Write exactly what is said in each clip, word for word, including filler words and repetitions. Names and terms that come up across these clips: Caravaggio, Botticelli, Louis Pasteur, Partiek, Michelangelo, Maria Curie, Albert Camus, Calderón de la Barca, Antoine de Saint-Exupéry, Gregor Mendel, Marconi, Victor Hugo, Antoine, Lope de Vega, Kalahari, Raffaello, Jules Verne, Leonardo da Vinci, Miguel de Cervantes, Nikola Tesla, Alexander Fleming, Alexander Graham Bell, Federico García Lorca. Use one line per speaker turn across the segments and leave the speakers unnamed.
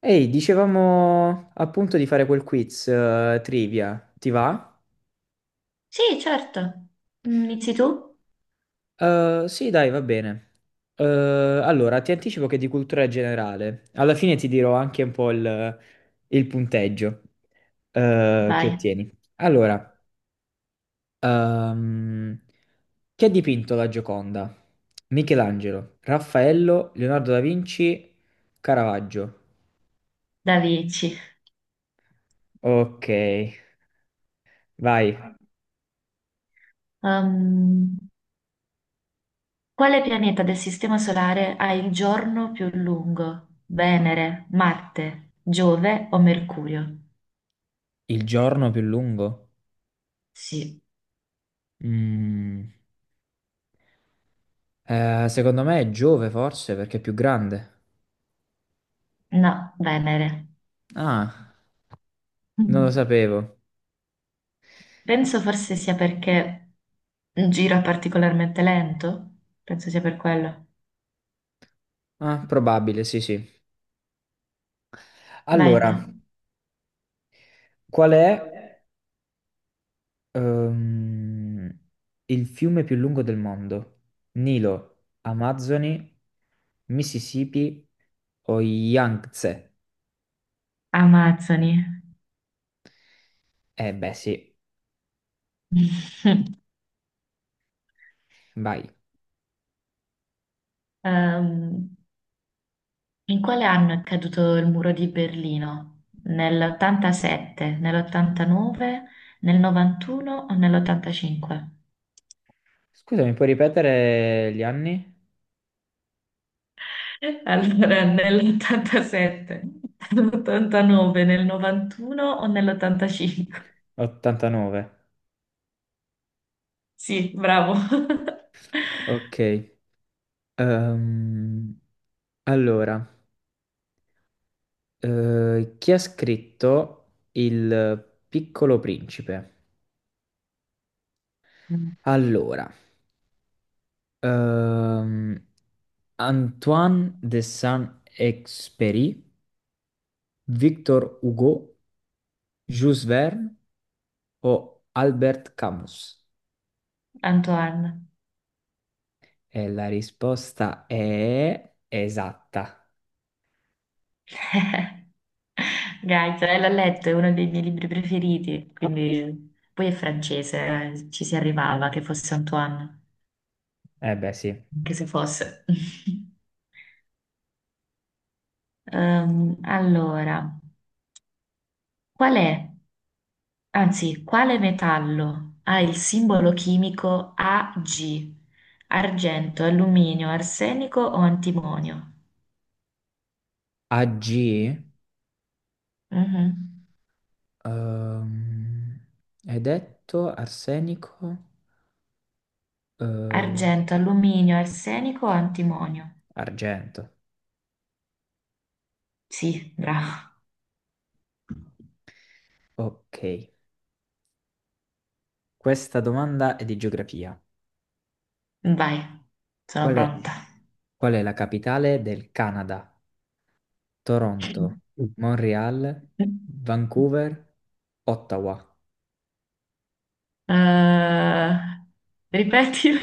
Ehi, dicevamo appunto di fare quel quiz eh, trivia, ti va?
Sì, certo. Mm, Inizi tu?
Eh, sì, dai, va bene. Eh, allora, ti anticipo che è di cultura generale. Alla fine ti dirò anche un po' il, il punteggio eh, che
Vai,
ottieni. Allora, ehm, chi ha dipinto la Gioconda? Michelangelo, Raffaello, Leonardo da Vinci, Caravaggio.
da Vici.
Ok, vai.
Um, quale pianeta del Sistema Solare ha il giorno più lungo? Venere, Marte, Giove o Mercurio?
Il giorno più lungo?
Sì,
Mm. Eh, secondo me è Giove forse perché è più grande.
no, Venere.
Ah, non lo
Mhm.
sapevo.
Penso forse sia perché gira particolarmente lento. Penso sia per quello.
Ah, probabile, sì, sì.
Vai te.
Allora, qual è ehm, il fiume più lungo del mondo? Nilo, Amazzoni, Mississippi o Yangtze?
Amazzoni.
Eh beh, sì, vai.
Ehm, In quale anno è caduto il muro di Berlino? Nell'ottantasette, nell'ottantanove, nel novantuno o nell'ottantacinque?
Scusami, puoi ripetere gli anni?
Allora, nell'ottantasette, nell'ottantanove, nel novantuno o nell'ottantacinque?
ottantanove.
Sì, bravo.
Ok. Ehm, allora. Eh, chi ha scritto Il Piccolo Principe?
Mm,
Allora, ehm, Antoine de Saint-Exupéry, Victor Hugo, Jules Verne o Albert Camus?
Antoine.
E la risposta è esatta.
Gaita, eh, l'ho letto, è uno dei miei libri preferiti, quindi poi è francese, eh, ci si arrivava che fosse Antoine.
Eh beh, sì.
Anche se fosse. Ehm, allora, qual è, anzi, quale metallo ha il simbolo chimico Ag? Argento, alluminio, arsenico o antimonio?
A G?
Mhm.
Ehm, hai detto arsenico? Eh,
Argento, alluminio, arsenico o antimonio?
argento.
Sì, bravo.
Ok. Questa domanda è di geografia.
Vai, sono
Qual è,
pronta.
qual è la capitale del Canada? Toronto, Montreal, Vancouver, Ottawa.
Eh, ripetile.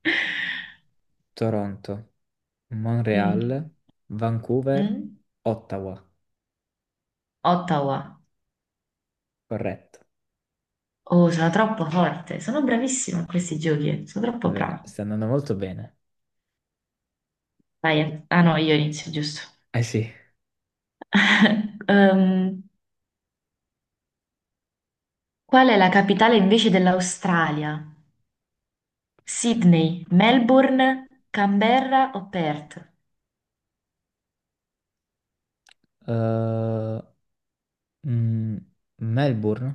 Toronto,
Mm.
Montreal, Vancouver,
Mm?
Ottawa.
Ottawa.
Corretto.
Oh, sono troppo forte, sono bravissima a questi giochi, sono
È
troppo
vero,
brava.
sta andando molto bene.
Vai, ah no, io inizio, giusto.
Eh sì.
Ehm, qual è la capitale invece dell'Australia? Sydney, Melbourne, Canberra o Perth?
Eh, mm, Melbourne?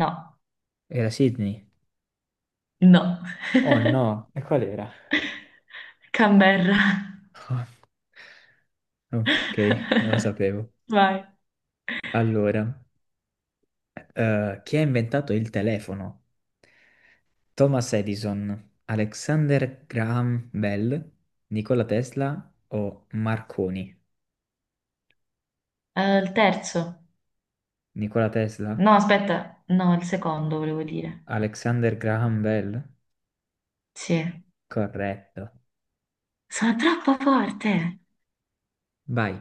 No,
Era Sydney?
no,
Oh no, e qual era?
Canberra.
Ok, non lo sapevo.
Vai.
Allora. eh, chi ha inventato il telefono? Thomas Edison, Alexander Graham Bell, Nikola Tesla o Marconi?
Eh, il terzo.
Nikola Tesla?
No, aspetta, no, il secondo volevo dire.
Alexander Graham Bell?
Sì,
Corretto.
sono troppo forte.
Vai,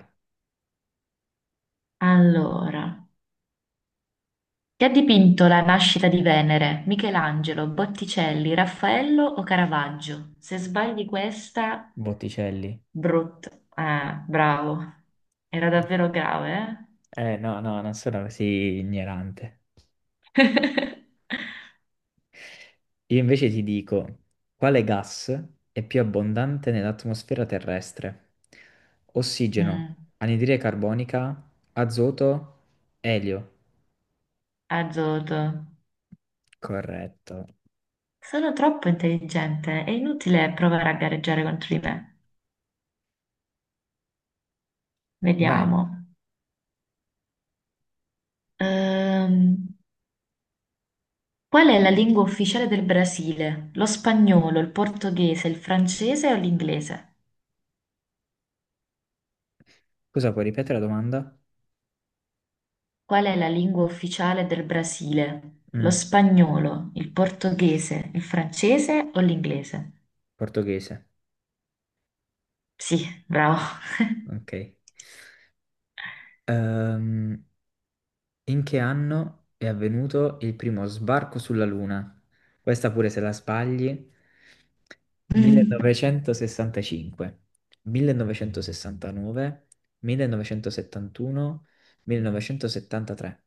Allora. Chi ha dipinto la nascita di Venere? Michelangelo, Botticelli, Raffaello o Caravaggio? Se sbagli questa,
Botticelli.
brutto. Ah, bravo. Era davvero grave,
Eh no, no, non sono così ignorante.
eh?
Io invece ti dico, quale gas è più abbondante nell'atmosfera terrestre? Ossigeno,
Mm,
anidride carbonica, azoto, elio.
azzurro.
Corretto.
Sono troppo intelligente, è inutile provare a gareggiare contro di me.
Vai,
Vediamo. Ehm, qual è la lingua ufficiale del Brasile? Lo spagnolo, il portoghese, il francese o l'inglese?
scusa, puoi ripetere la domanda?
Qual è la lingua ufficiale del Brasile? Lo
Mm,
spagnolo, il portoghese, il francese o l'inglese?
portoghese,
Sì, bravo.
ok. Ehm, In che anno è avvenuto il primo sbarco sulla Luna? Questa pure se la sbagli.
Mm,
millenovecentosessantacinque, millenovecentosessantanove, millenovecentosettantuno, millenovecentosettantatré,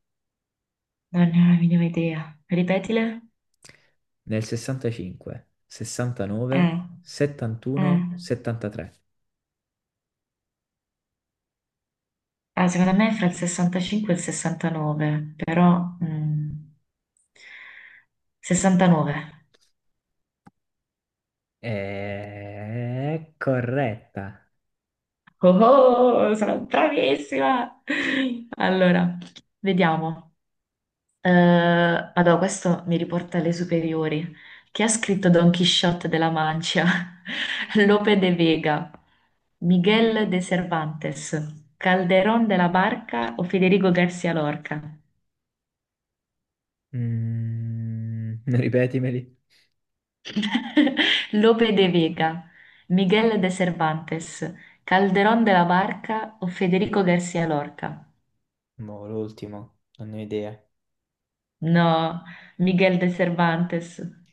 Non ne ho la minima idea. Ripetile?
nel sessantacinque, sessantanove,
Eh, eh.
settantuno, settantatré.
Ah, secondo me è fra il sessantacinque e il sessantanove, però, mm, sessantanove.
È corretta.
Oh, oh, sono bravissima! Allora, vediamo. Eh, allora, questo mi riporta alle superiori. Chi ha scritto Don Quixote della Mancia? Lope de Vega, Miguel de Cervantes, Calderón de la Barca o Federico García Lorca?
Mm, ripetimeli.
Lope de Vega, Miguel de Cervantes, Calderón de la Barca o Federico García Lorca?
Boh, l'ultimo, non ne ho idea.
No, Miguel de Cervantes.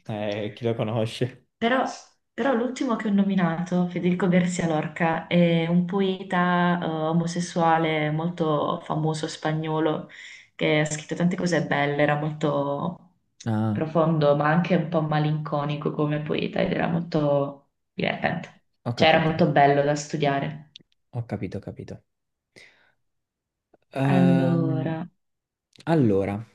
Eh, chi lo conosce?
Però, però l'ultimo che ho nominato, Federico García Lorca, è un poeta eh, omosessuale molto famoso spagnolo che ha scritto tante cose belle, era molto
Ah,
profondo, ma anche un po' malinconico come poeta ed era molto divertente.
ho
Cioè era molto
capito,
bello da studiare.
ho capito, ho capito. Ehm,
Allora,
allora,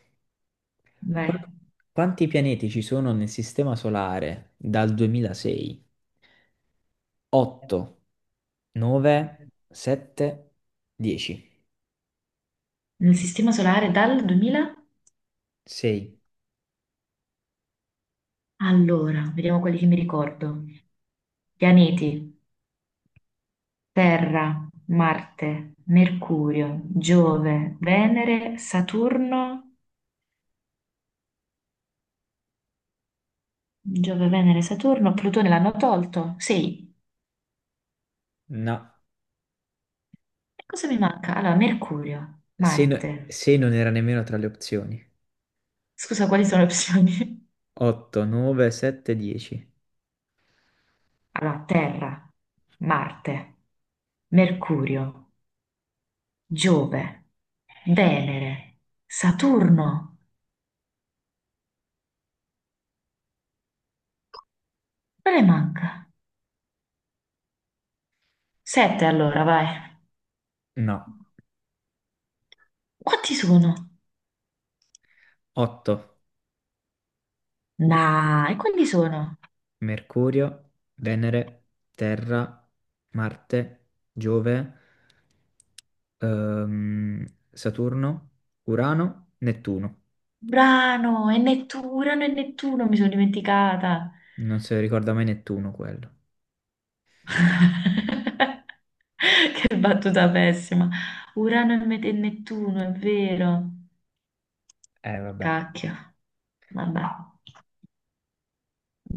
qu-
beh,
quanti pianeti ci sono nel Sistema Solare dal duemilasei? otto, nove, sette, dieci.
nel Sistema Solare dal duemila?
sei.
Allora, vediamo quelli che mi ricordo. Pianeti. Terra, Marte, Mercurio, Giove, Venere, Saturno, Giove, Venere, Saturno, Plutone l'hanno tolto? Sì.
No,
E cosa mi manca? Allora, Mercurio, Marte.
sei, non era nemmeno tra le opzioni.
Scusa, quali sono le opzioni?
otto, nove, sette, dieci.
Allora, Terra, Marte, Mercurio, Giove, Venere, Saturno. Quale manca? Sette allora, vai.
No,
Quanti sono?
otto.
Nah, e quanti sono?
Mercurio, Venere, Terra, Marte, Giove. ehm, Saturno, Urano, Nettuno.
Urano, è Nettuno, Urano e Nettuno, mi sono dimenticata.
Non si ricorda mai Nettuno quello.
Che battuta pessima. Urano e Met- e Nettuno, è vero.
Eh, vabbè.
Cacchio. Vabbè.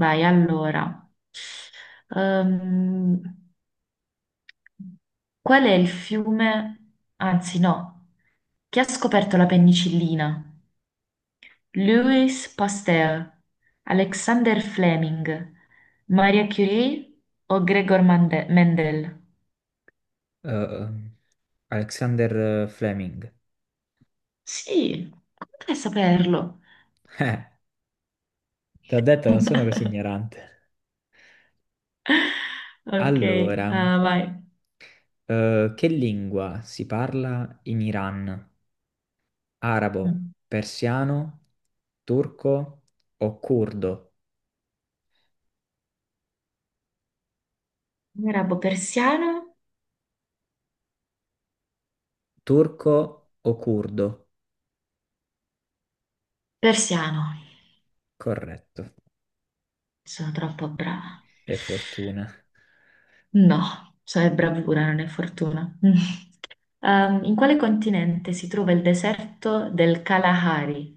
Vai, allora. Ehm, qual è il fiume, anzi no, chi ha scoperto la penicillina? Louis Pasteur, Alexander Fleming, Maria Curie o Gregor Mande- Mendel?
Ehm, Alexander Fleming.
Sì, come fai a saperlo?
Eh, ti ho detto, non sono così ignorante.
Ok,
Allora,
ah, vai.
eh, che lingua si parla in Iran? Arabo,
Mm.
persiano, turco o curdo?
Arabo persiano?
Turco o curdo?
Persiano.
Corretto.
Sono troppo brava.
Che fortuna.
No, cioè è bravura, non è fortuna. Ehm, in quale continente si trova il deserto del Kalahari?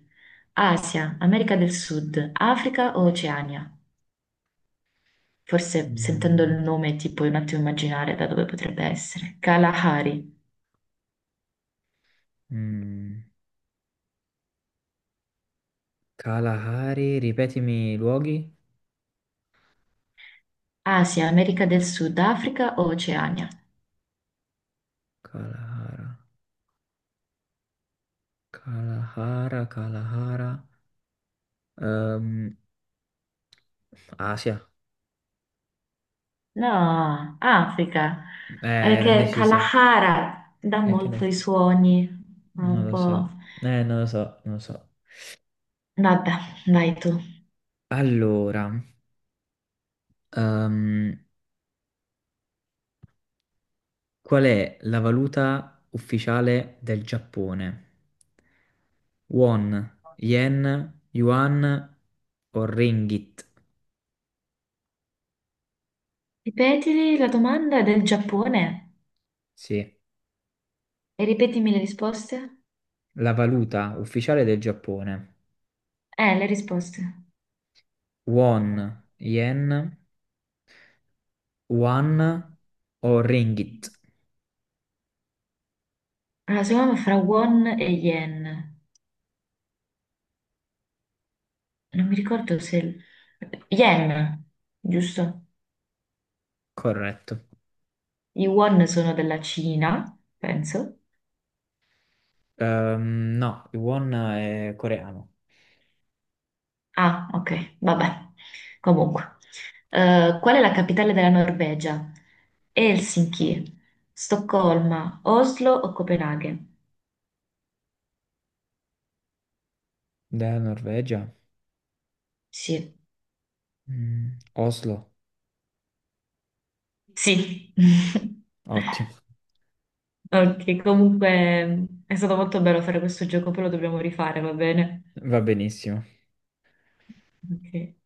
Asia, America del Sud, Africa o Oceania? Forse sentendo il
Mm,
nome ti puoi un attimo immaginare da dove potrebbe essere. Kalahari,
mm. Kalahari, ripetimi i luoghi.
Asia, America del Sud, Africa o Oceania?
Kalahara, Kalahara, Kalahara. Ehm, Asia.
No, Africa,
Eh, ero
perché
indecisa.
Kalahara dà
Eh, che
molto
ne...
i suoni,
Non
un
lo
po'.
so. Eh, non lo so, non lo so.
Vabbè, vai tu.
Allora, ehm, qual è la valuta ufficiale del Giappone? Won, yen, yuan o ringgit?
Ripetili la domanda del Giappone
Sì,
e ripetimi le risposte.
la valuta ufficiale del Giappone.
Eh, le risposte.
Won, yen, yuan o ringgit.
Allora, secondo me fra won e yen. Non mi ricordo se. Yen, giusto?
Corretto.
I won sono della Cina, penso.
Ehm, no, il won è coreano.
Ah, ok, vabbè. Comunque. Eh, qual è la capitale della Norvegia? Helsinki, Stoccolma, Oslo o Copenaghen?
Da Norvegia.
Sì.
Mm, Oslo.
Sì.
Ottimo.
Ok, comunque è stato molto bello fare questo gioco, poi lo dobbiamo rifare, va bene?
Va benissimo.
Ok.